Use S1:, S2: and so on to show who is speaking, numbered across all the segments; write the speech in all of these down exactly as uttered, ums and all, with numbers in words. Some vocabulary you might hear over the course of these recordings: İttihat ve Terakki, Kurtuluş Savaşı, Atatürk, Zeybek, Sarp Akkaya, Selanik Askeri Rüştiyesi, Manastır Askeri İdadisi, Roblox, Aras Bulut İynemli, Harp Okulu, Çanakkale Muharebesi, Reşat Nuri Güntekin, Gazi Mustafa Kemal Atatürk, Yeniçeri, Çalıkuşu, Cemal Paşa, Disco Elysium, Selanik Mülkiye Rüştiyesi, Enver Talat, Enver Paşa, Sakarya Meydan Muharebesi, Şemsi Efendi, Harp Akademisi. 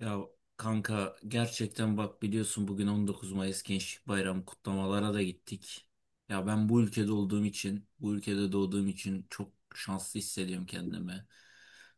S1: Ya kanka gerçekten bak biliyorsun bugün on dokuz Mayıs Gençlik Bayramı kutlamalara da gittik. Ya ben bu ülkede olduğum için, bu ülkede doğduğum için çok şanslı hissediyorum kendimi.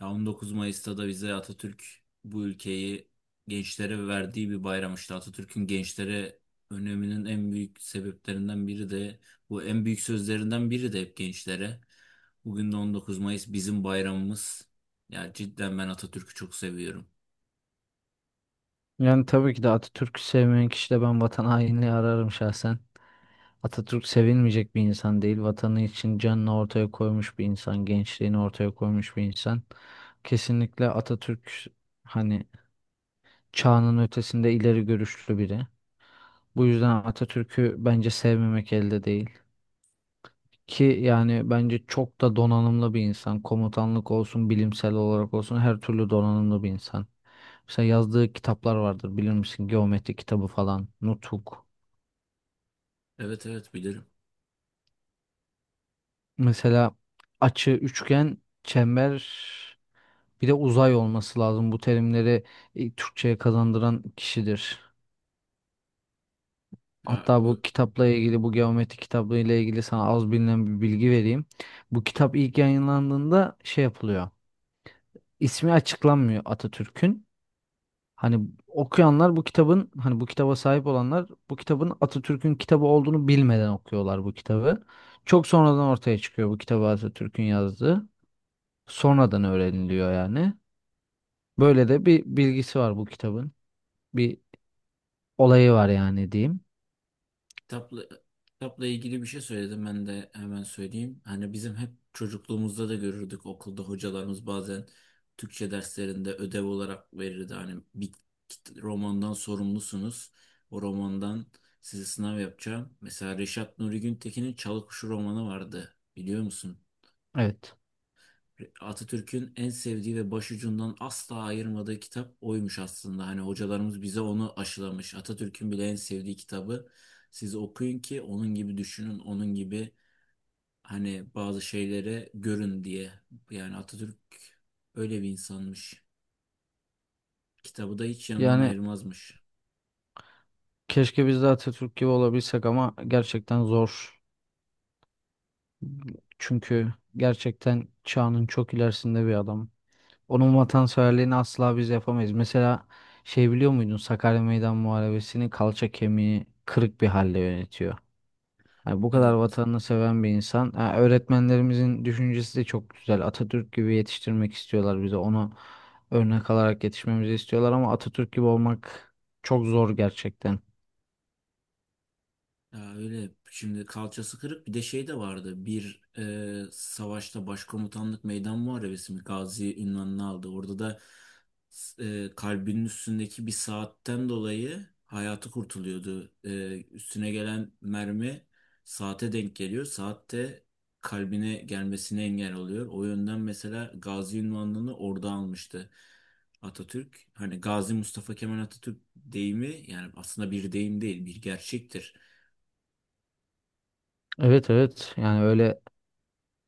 S1: Ya on dokuz Mayıs'ta da bize Atatürk bu ülkeyi gençlere verdiği bir bayram işte. Atatürk'ün gençlere öneminin en büyük sebeplerinden biri de bu en büyük sözlerinden biri de hep gençlere. Bugün de on dokuz Mayıs bizim bayramımız. Ya cidden ben Atatürk'ü çok seviyorum.
S2: Yani tabii ki de Atatürk'ü sevmeyen kişi de ben vatan hainliği ararım şahsen. Atatürk sevilmeyecek bir insan değil. Vatanı için canını ortaya koymuş bir insan, gençliğini ortaya koymuş bir insan. Kesinlikle Atatürk hani çağının ötesinde ileri görüşlü biri. Bu yüzden Atatürk'ü bence sevmemek elde değil. Ki yani bence çok da donanımlı bir insan. Komutanlık olsun, bilimsel olarak olsun her türlü donanımlı bir insan. Mesela yazdığı kitaplar vardır bilir misin? Geometri kitabı falan, Nutuk.
S1: Evet, evet, bilirim.
S2: Mesela açı, üçgen, çember bir de uzay olması lazım. Bu terimleri e, Türkçe'ye kazandıran kişidir.
S1: Ya,
S2: Hatta bu
S1: ö-
S2: kitapla ilgili, bu geometri kitabı ile ilgili sana az bilinen bir bilgi vereyim. Bu kitap ilk yayınlandığında şey yapılıyor. İsmi açıklanmıyor Atatürk'ün. Hani okuyanlar bu kitabın, hani bu kitaba sahip olanlar bu kitabın Atatürk'ün kitabı olduğunu bilmeden okuyorlar bu kitabı. Çok sonradan ortaya çıkıyor bu kitabı Atatürk'ün yazdığı. Sonradan öğreniliyor yani. Böyle de bir bilgisi var bu kitabın. Bir olayı var yani diyeyim.
S1: kitapla, kitapla ilgili bir şey söyledim ben de hemen söyleyeyim. Hani bizim hep çocukluğumuzda da görürdük okulda hocalarımız bazen Türkçe derslerinde ödev olarak verirdi. Hani bir kit- romandan sorumlusunuz. O romandan size sınav yapacağım. Mesela Reşat Nuri Güntekin'in Çalıkuşu romanı vardı. Biliyor musun?
S2: Evet.
S1: Atatürk'ün en sevdiği ve başucundan asla ayırmadığı kitap oymuş aslında. Hani hocalarımız bize onu aşılamış. Atatürk'ün bile en sevdiği kitabı siz okuyun ki onun gibi düşünün, onun gibi hani bazı şeylere görün diye. Yani Atatürk öyle bir insanmış. Kitabı da hiç yanından
S2: Yani
S1: ayırmazmış.
S2: keşke biz de Atatürk gibi olabilsek ama gerçekten zor. Çünkü gerçekten çağının çok ilerisinde bir adam. Onun vatanseverliğini asla biz yapamayız. Mesela şey biliyor muydun Sakarya Meydan Muharebesi'ni kalça kemiği kırık bir halde yönetiyor. Yani bu kadar
S1: Evet.
S2: vatanını seven bir insan. Ha, öğretmenlerimizin düşüncesi de çok güzel. Atatürk gibi yetiştirmek istiyorlar bize. Onu örnek alarak yetişmemizi istiyorlar ama Atatürk gibi olmak çok zor gerçekten.
S1: Ya öyle şimdi kalçası kırık bir de şey de vardı bir e, savaşta başkomutanlık meydan muharebesi mi Gazi ünvanını aldı orada da, e, kalbinin üstündeki bir saatten dolayı hayatı kurtuluyordu. E, üstüne gelen mermi saate denk geliyor, saatte kalbine gelmesine engel oluyor. O yönden mesela Gazi ünvanını orada almıştı Atatürk. Hani Gazi Mustafa Kemal Atatürk deyimi yani aslında bir deyim değil, bir gerçektir.
S2: Evet, evet. Yani öyle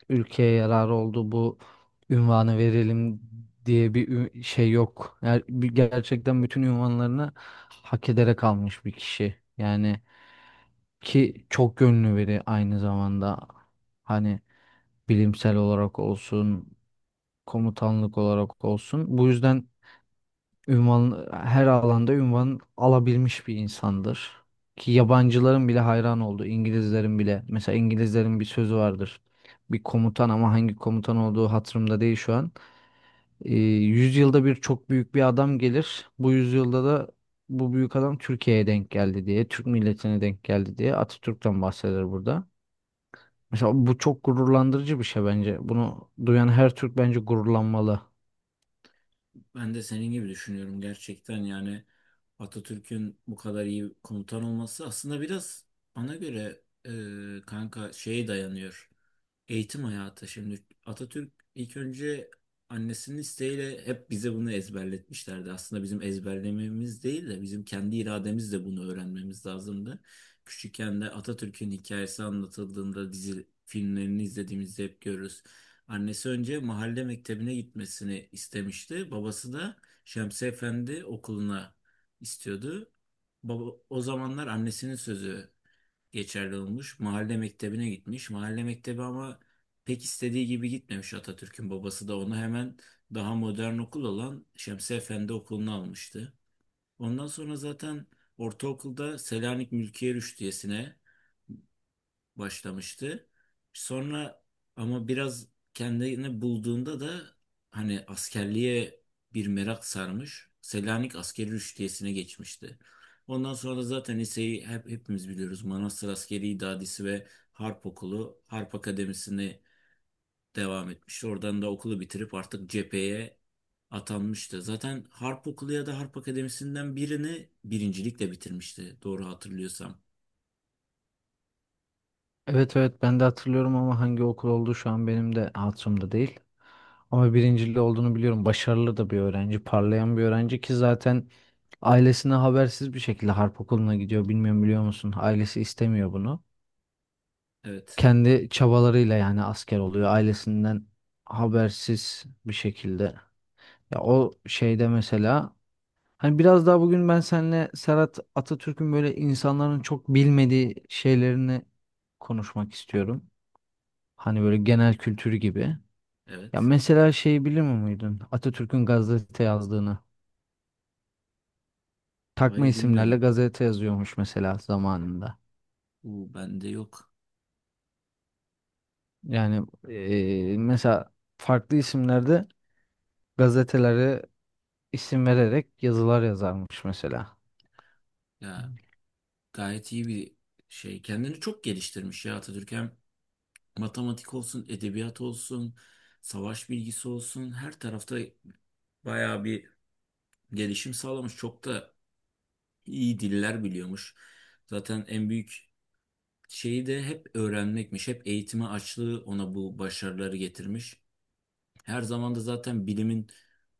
S2: ülkeye yararı oldu bu ünvanı verelim diye bir ü- şey yok. Yani bir- gerçekten bütün ünvanlarını hak ederek almış bir kişi. Yani ki çok gönlü biri aynı zamanda. Hani bilimsel olarak olsun, komutanlık olarak olsun. Bu yüzden ünvan her alanda ünvan alabilmiş bir insandır. Ki yabancıların bile hayran oldu. İngilizlerin bile. Mesela İngilizlerin bir sözü vardır. Bir komutan ama hangi komutan olduğu hatırımda değil şu an. Ee, yüzyılda bir çok büyük bir adam gelir. Bu yüzyılda da bu büyük adam Türkiye'ye denk geldi diye, Türk milletine denk geldi diye Atatürk'ten bahseder burada. Mesela bu çok gururlandırıcı bir şey bence. Bunu duyan her Türk bence gururlanmalı.
S1: Ben de senin gibi düşünüyorum gerçekten. Yani Atatürk'ün bu kadar iyi komutan olması aslında biraz bana göre, e, kanka, şeye dayanıyor. Eğitim hayatı. Şimdi Atatürk ilk önce annesinin isteğiyle, hep bize bunu ezberletmişlerdi. Aslında bizim ezberlememiz değil de bizim kendi irademizle bunu öğrenmemiz lazımdı. Küçükken de Atatürk'ün hikayesi anlatıldığında, dizi filmlerini izlediğimizde hep görürüz. Annesi önce mahalle mektebine gitmesini istemişti. Babası da Şemsi Efendi okuluna istiyordu. Baba, o zamanlar annesinin sözü geçerli olmuş. Mahalle mektebine gitmiş. Mahalle mektebi ama pek istediği gibi gitmemiş. Atatürk'ün babası da onu hemen daha modern okul olan Şemsi Efendi Okulu'nu almıştı. Ondan sonra zaten ortaokulda Selanik Mülkiye Rüştiyesi'ne başlamıştı. Sonra ama biraz kendini bulduğunda da hani askerliğe bir merak sarmış. Selanik Askeri Rüştiyesi'ne geçmişti. Ondan sonra da zaten liseyi hep hepimiz biliyoruz. Manastır Askeri İdadisi ve Harp Okulu, Harp Akademisi'ne devam etmiş. Oradan da okulu bitirip artık cepheye atanmıştı. Zaten Harp Okulu ya da Harp Akademisi'nden birini birincilikle bitirmişti. Doğru hatırlıyorsam.
S2: Evet, evet, ben de hatırlıyorum ama hangi okul olduğu şu an benim de hatırımda değil. Ama birincili olduğunu biliyorum. Başarılı da bir öğrenci, parlayan bir öğrenci ki zaten ailesine habersiz bir şekilde harp okuluna gidiyor. Bilmiyorum, biliyor musun? Ailesi istemiyor bunu.
S1: Evet.
S2: Kendi çabalarıyla yani asker oluyor. Ailesinden habersiz bir şekilde. Ya o şeyde mesela hani biraz daha bugün ben seninle Serhat Atatürk'ün böyle insanların çok bilmediği şeylerini konuşmak istiyorum. Hani böyle genel kültür gibi. Ya
S1: Evet.
S2: mesela şeyi bilir miydin Atatürk'ün gazete yazdığını. Takma
S1: Hayır,
S2: isimlerle
S1: bilmiyordum.
S2: gazete yazıyormuş mesela zamanında.
S1: Bu bende yok.
S2: Yani eee, mesela farklı isimlerde gazetelere isim vererek yazılar yazarmış mesela.
S1: Ya, gayet iyi bir şey. Kendini çok geliştirmiş ya Atatürk. Hem matematik olsun, edebiyat olsun, savaş bilgisi olsun. Her tarafta bayağı bir gelişim sağlamış. Çok da iyi diller biliyormuş. Zaten en büyük şeyi de hep öğrenmekmiş. Hep eğitime açlığı ona bu başarıları getirmiş. Her zaman da zaten bilimin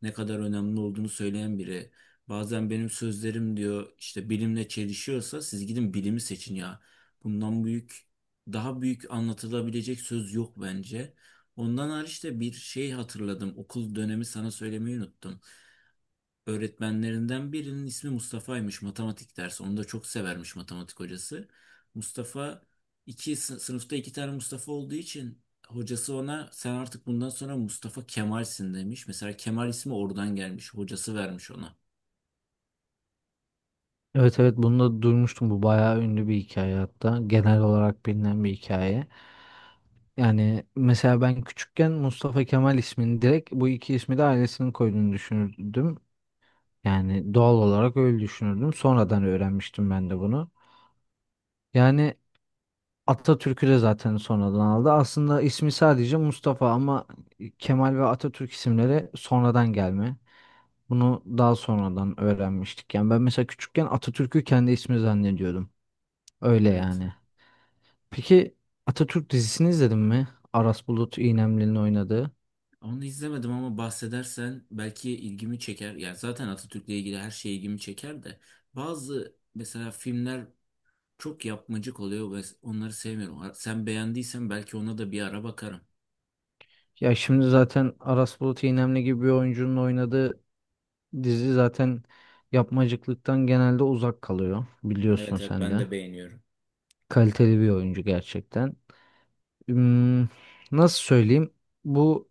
S1: ne kadar önemli olduğunu söyleyen biri. Bazen benim sözlerim diyor işte bilimle çelişiyorsa siz gidin bilimi seçin ya. Bundan büyük, daha büyük anlatılabilecek söz yok bence. Ondan hariç de bir şey hatırladım. Okul dönemi sana söylemeyi unuttum, öğretmenlerinden birinin ismi Mustafa'ymış, matematik dersi. Onu da çok severmiş matematik hocası. Mustafa. İki sı- sınıfta iki tane Mustafa olduğu için hocası ona sen artık bundan sonra Mustafa Kemal'sin demiş. Mesela Kemal ismi oradan gelmiş. Hocası vermiş ona.
S2: Evet, evet, bunu da duymuştum. Bu bayağı ünlü bir hikaye hatta. Genel olarak bilinen bir hikaye. Yani mesela ben küçükken Mustafa Kemal ismini direkt bu iki ismi de ailesinin koyduğunu düşünürdüm. Yani doğal olarak öyle düşünürdüm. Sonradan öğrenmiştim ben de bunu. Yani Atatürk'ü de zaten sonradan aldı. Aslında ismi sadece Mustafa ama Kemal ve Atatürk isimleri sonradan gelme. Bunu daha sonradan öğrenmiştik. Yani ben mesela küçükken Atatürk'ü kendi ismi zannediyordum. Öyle
S1: Evet.
S2: yani. Peki Atatürk dizisini izledin mi? Aras Bulut İynemli'nin oynadığı.
S1: Onu izlemedim ama bahsedersen belki ilgimi çeker. Yani zaten Atatürk'le ilgili her şey ilgimi çeker de bazı mesela filmler çok yapmacık oluyor ve onları sevmiyorum. Sen beğendiysen belki ona da bir ara bakarım.
S2: Ya şimdi zaten Aras Bulut İynemli gibi bir oyuncunun oynadığı dizi zaten yapmacıklıktan genelde uzak kalıyor. Biliyorsun
S1: Evet, evet,
S2: sen
S1: ben
S2: de.
S1: de beğeniyorum.
S2: Kaliteli bir oyuncu gerçekten. Hmm, nasıl söyleyeyim? Bu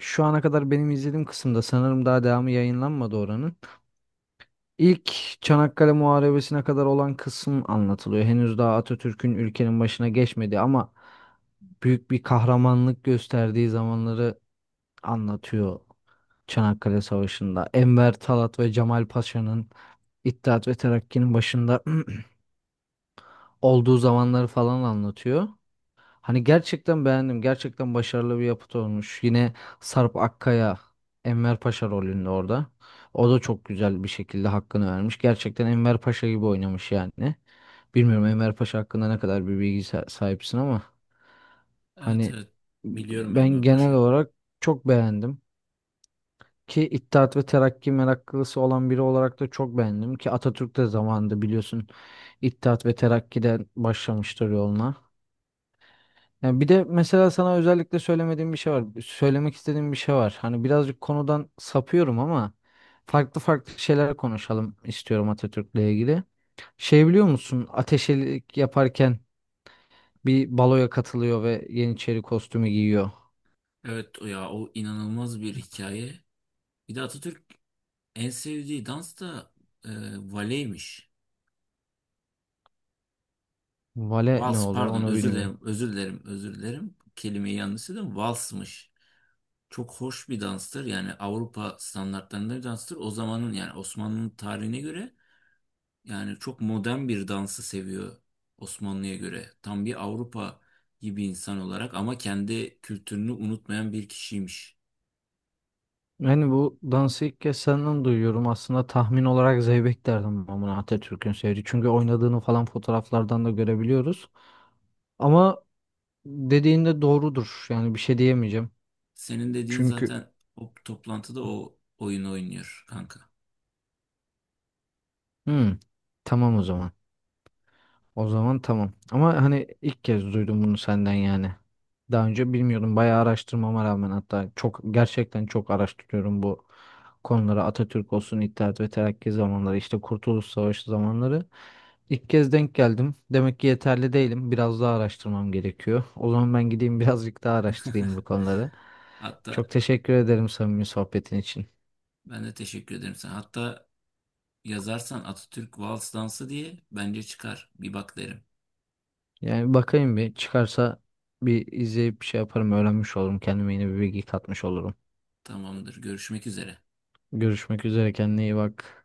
S2: şu ana kadar benim izlediğim kısımda sanırım daha devamı yayınlanmadı oranın. İlk Çanakkale Muharebesi'ne kadar olan kısım anlatılıyor. Henüz daha Atatürk'ün ülkenin başına geçmedi ama büyük bir kahramanlık gösterdiği zamanları anlatıyor. Çanakkale Savaşı'nda Enver Talat ve Cemal Paşa'nın İttihat ve Terakki'nin başında olduğu zamanları falan anlatıyor. Hani gerçekten beğendim. Gerçekten başarılı bir yapıt olmuş. Yine Sarp Akkaya Enver Paşa rolünde orada. O da çok güzel bir şekilde hakkını vermiş. Gerçekten Enver Paşa gibi oynamış yani. Bilmiyorum Enver Paşa hakkında ne kadar bir bilgi sa- sahipsin ama
S1: Evet,
S2: hani
S1: evet, biliyorum
S2: ben
S1: Enver
S2: genel
S1: Paşa'yı.
S2: olarak çok beğendim. Ki İttihat ve Terakki meraklısı olan biri olarak da çok beğendim. Ki Atatürk de zamanında biliyorsun İttihat ve Terakki'den başlamıştır yoluna. Yani bir de mesela sana özellikle söylemediğim bir şey var. Söylemek istediğim bir şey var. Hani birazcık konudan sapıyorum ama farklı farklı şeyler konuşalım istiyorum Atatürk'le ilgili. Şey biliyor musun? Ateşelik yaparken bir baloya katılıyor ve Yeniçeri kostümü giyiyor.
S1: Evet, o ya, o inanılmaz bir hikaye. Bir de Atatürk en sevdiği dans da e, valeymiş.
S2: Vale ne
S1: Vals,
S2: oluyor
S1: pardon,
S2: onu
S1: özür
S2: bilmiyorum.
S1: dilerim, özür dilerim, özür dilerim. Kelimeyi yanlış söyledim, valsmış. Çok hoş bir danstır yani, Avrupa standartlarında bir danstır. O zamanın yani Osmanlı'nın tarihine göre, yani çok modern bir dansı seviyor Osmanlı'ya göre. Tam bir Avrupa gibi insan olarak ama kendi kültürünü unutmayan bir kişiymiş.
S2: Yani bu dansı ilk kez senden duyuyorum. Aslında tahmin olarak Zeybek derdim ben buna Atatürk'ün sevdiği. Çünkü oynadığını falan fotoğraflardan da görebiliyoruz. Ama dediğin de doğrudur. Yani bir şey diyemeyeceğim.
S1: Senin dediğin
S2: Çünkü
S1: zaten o toplantıda o oyunu oynuyor kanka.
S2: Hmm, tamam o zaman. O zaman tamam. Ama hani ilk kez duydum bunu senden yani. Daha önce bilmiyordum. Bayağı araştırmama rağmen hatta çok gerçekten çok araştırıyorum bu konuları. Atatürk olsun, İttihat ve Terakki zamanları, işte Kurtuluş Savaşı zamanları. İlk kez denk geldim. Demek ki yeterli değilim. Biraz daha araştırmam gerekiyor. O zaman ben gideyim birazcık daha araştırayım bu konuları. Çok
S1: Hatta
S2: teşekkür ederim samimi sohbetin için.
S1: ben de teşekkür ederim sana. Hatta yazarsan Atatürk Vals Dansı diye bence çıkar. Bir bak derim.
S2: Yani bakayım bir çıkarsa bir izleyip bir şey yaparım, öğrenmiş olurum. Kendime yeni bir bilgi katmış olurum.
S1: Tamamdır. Görüşmek üzere.
S2: Görüşmek üzere, kendine iyi bak.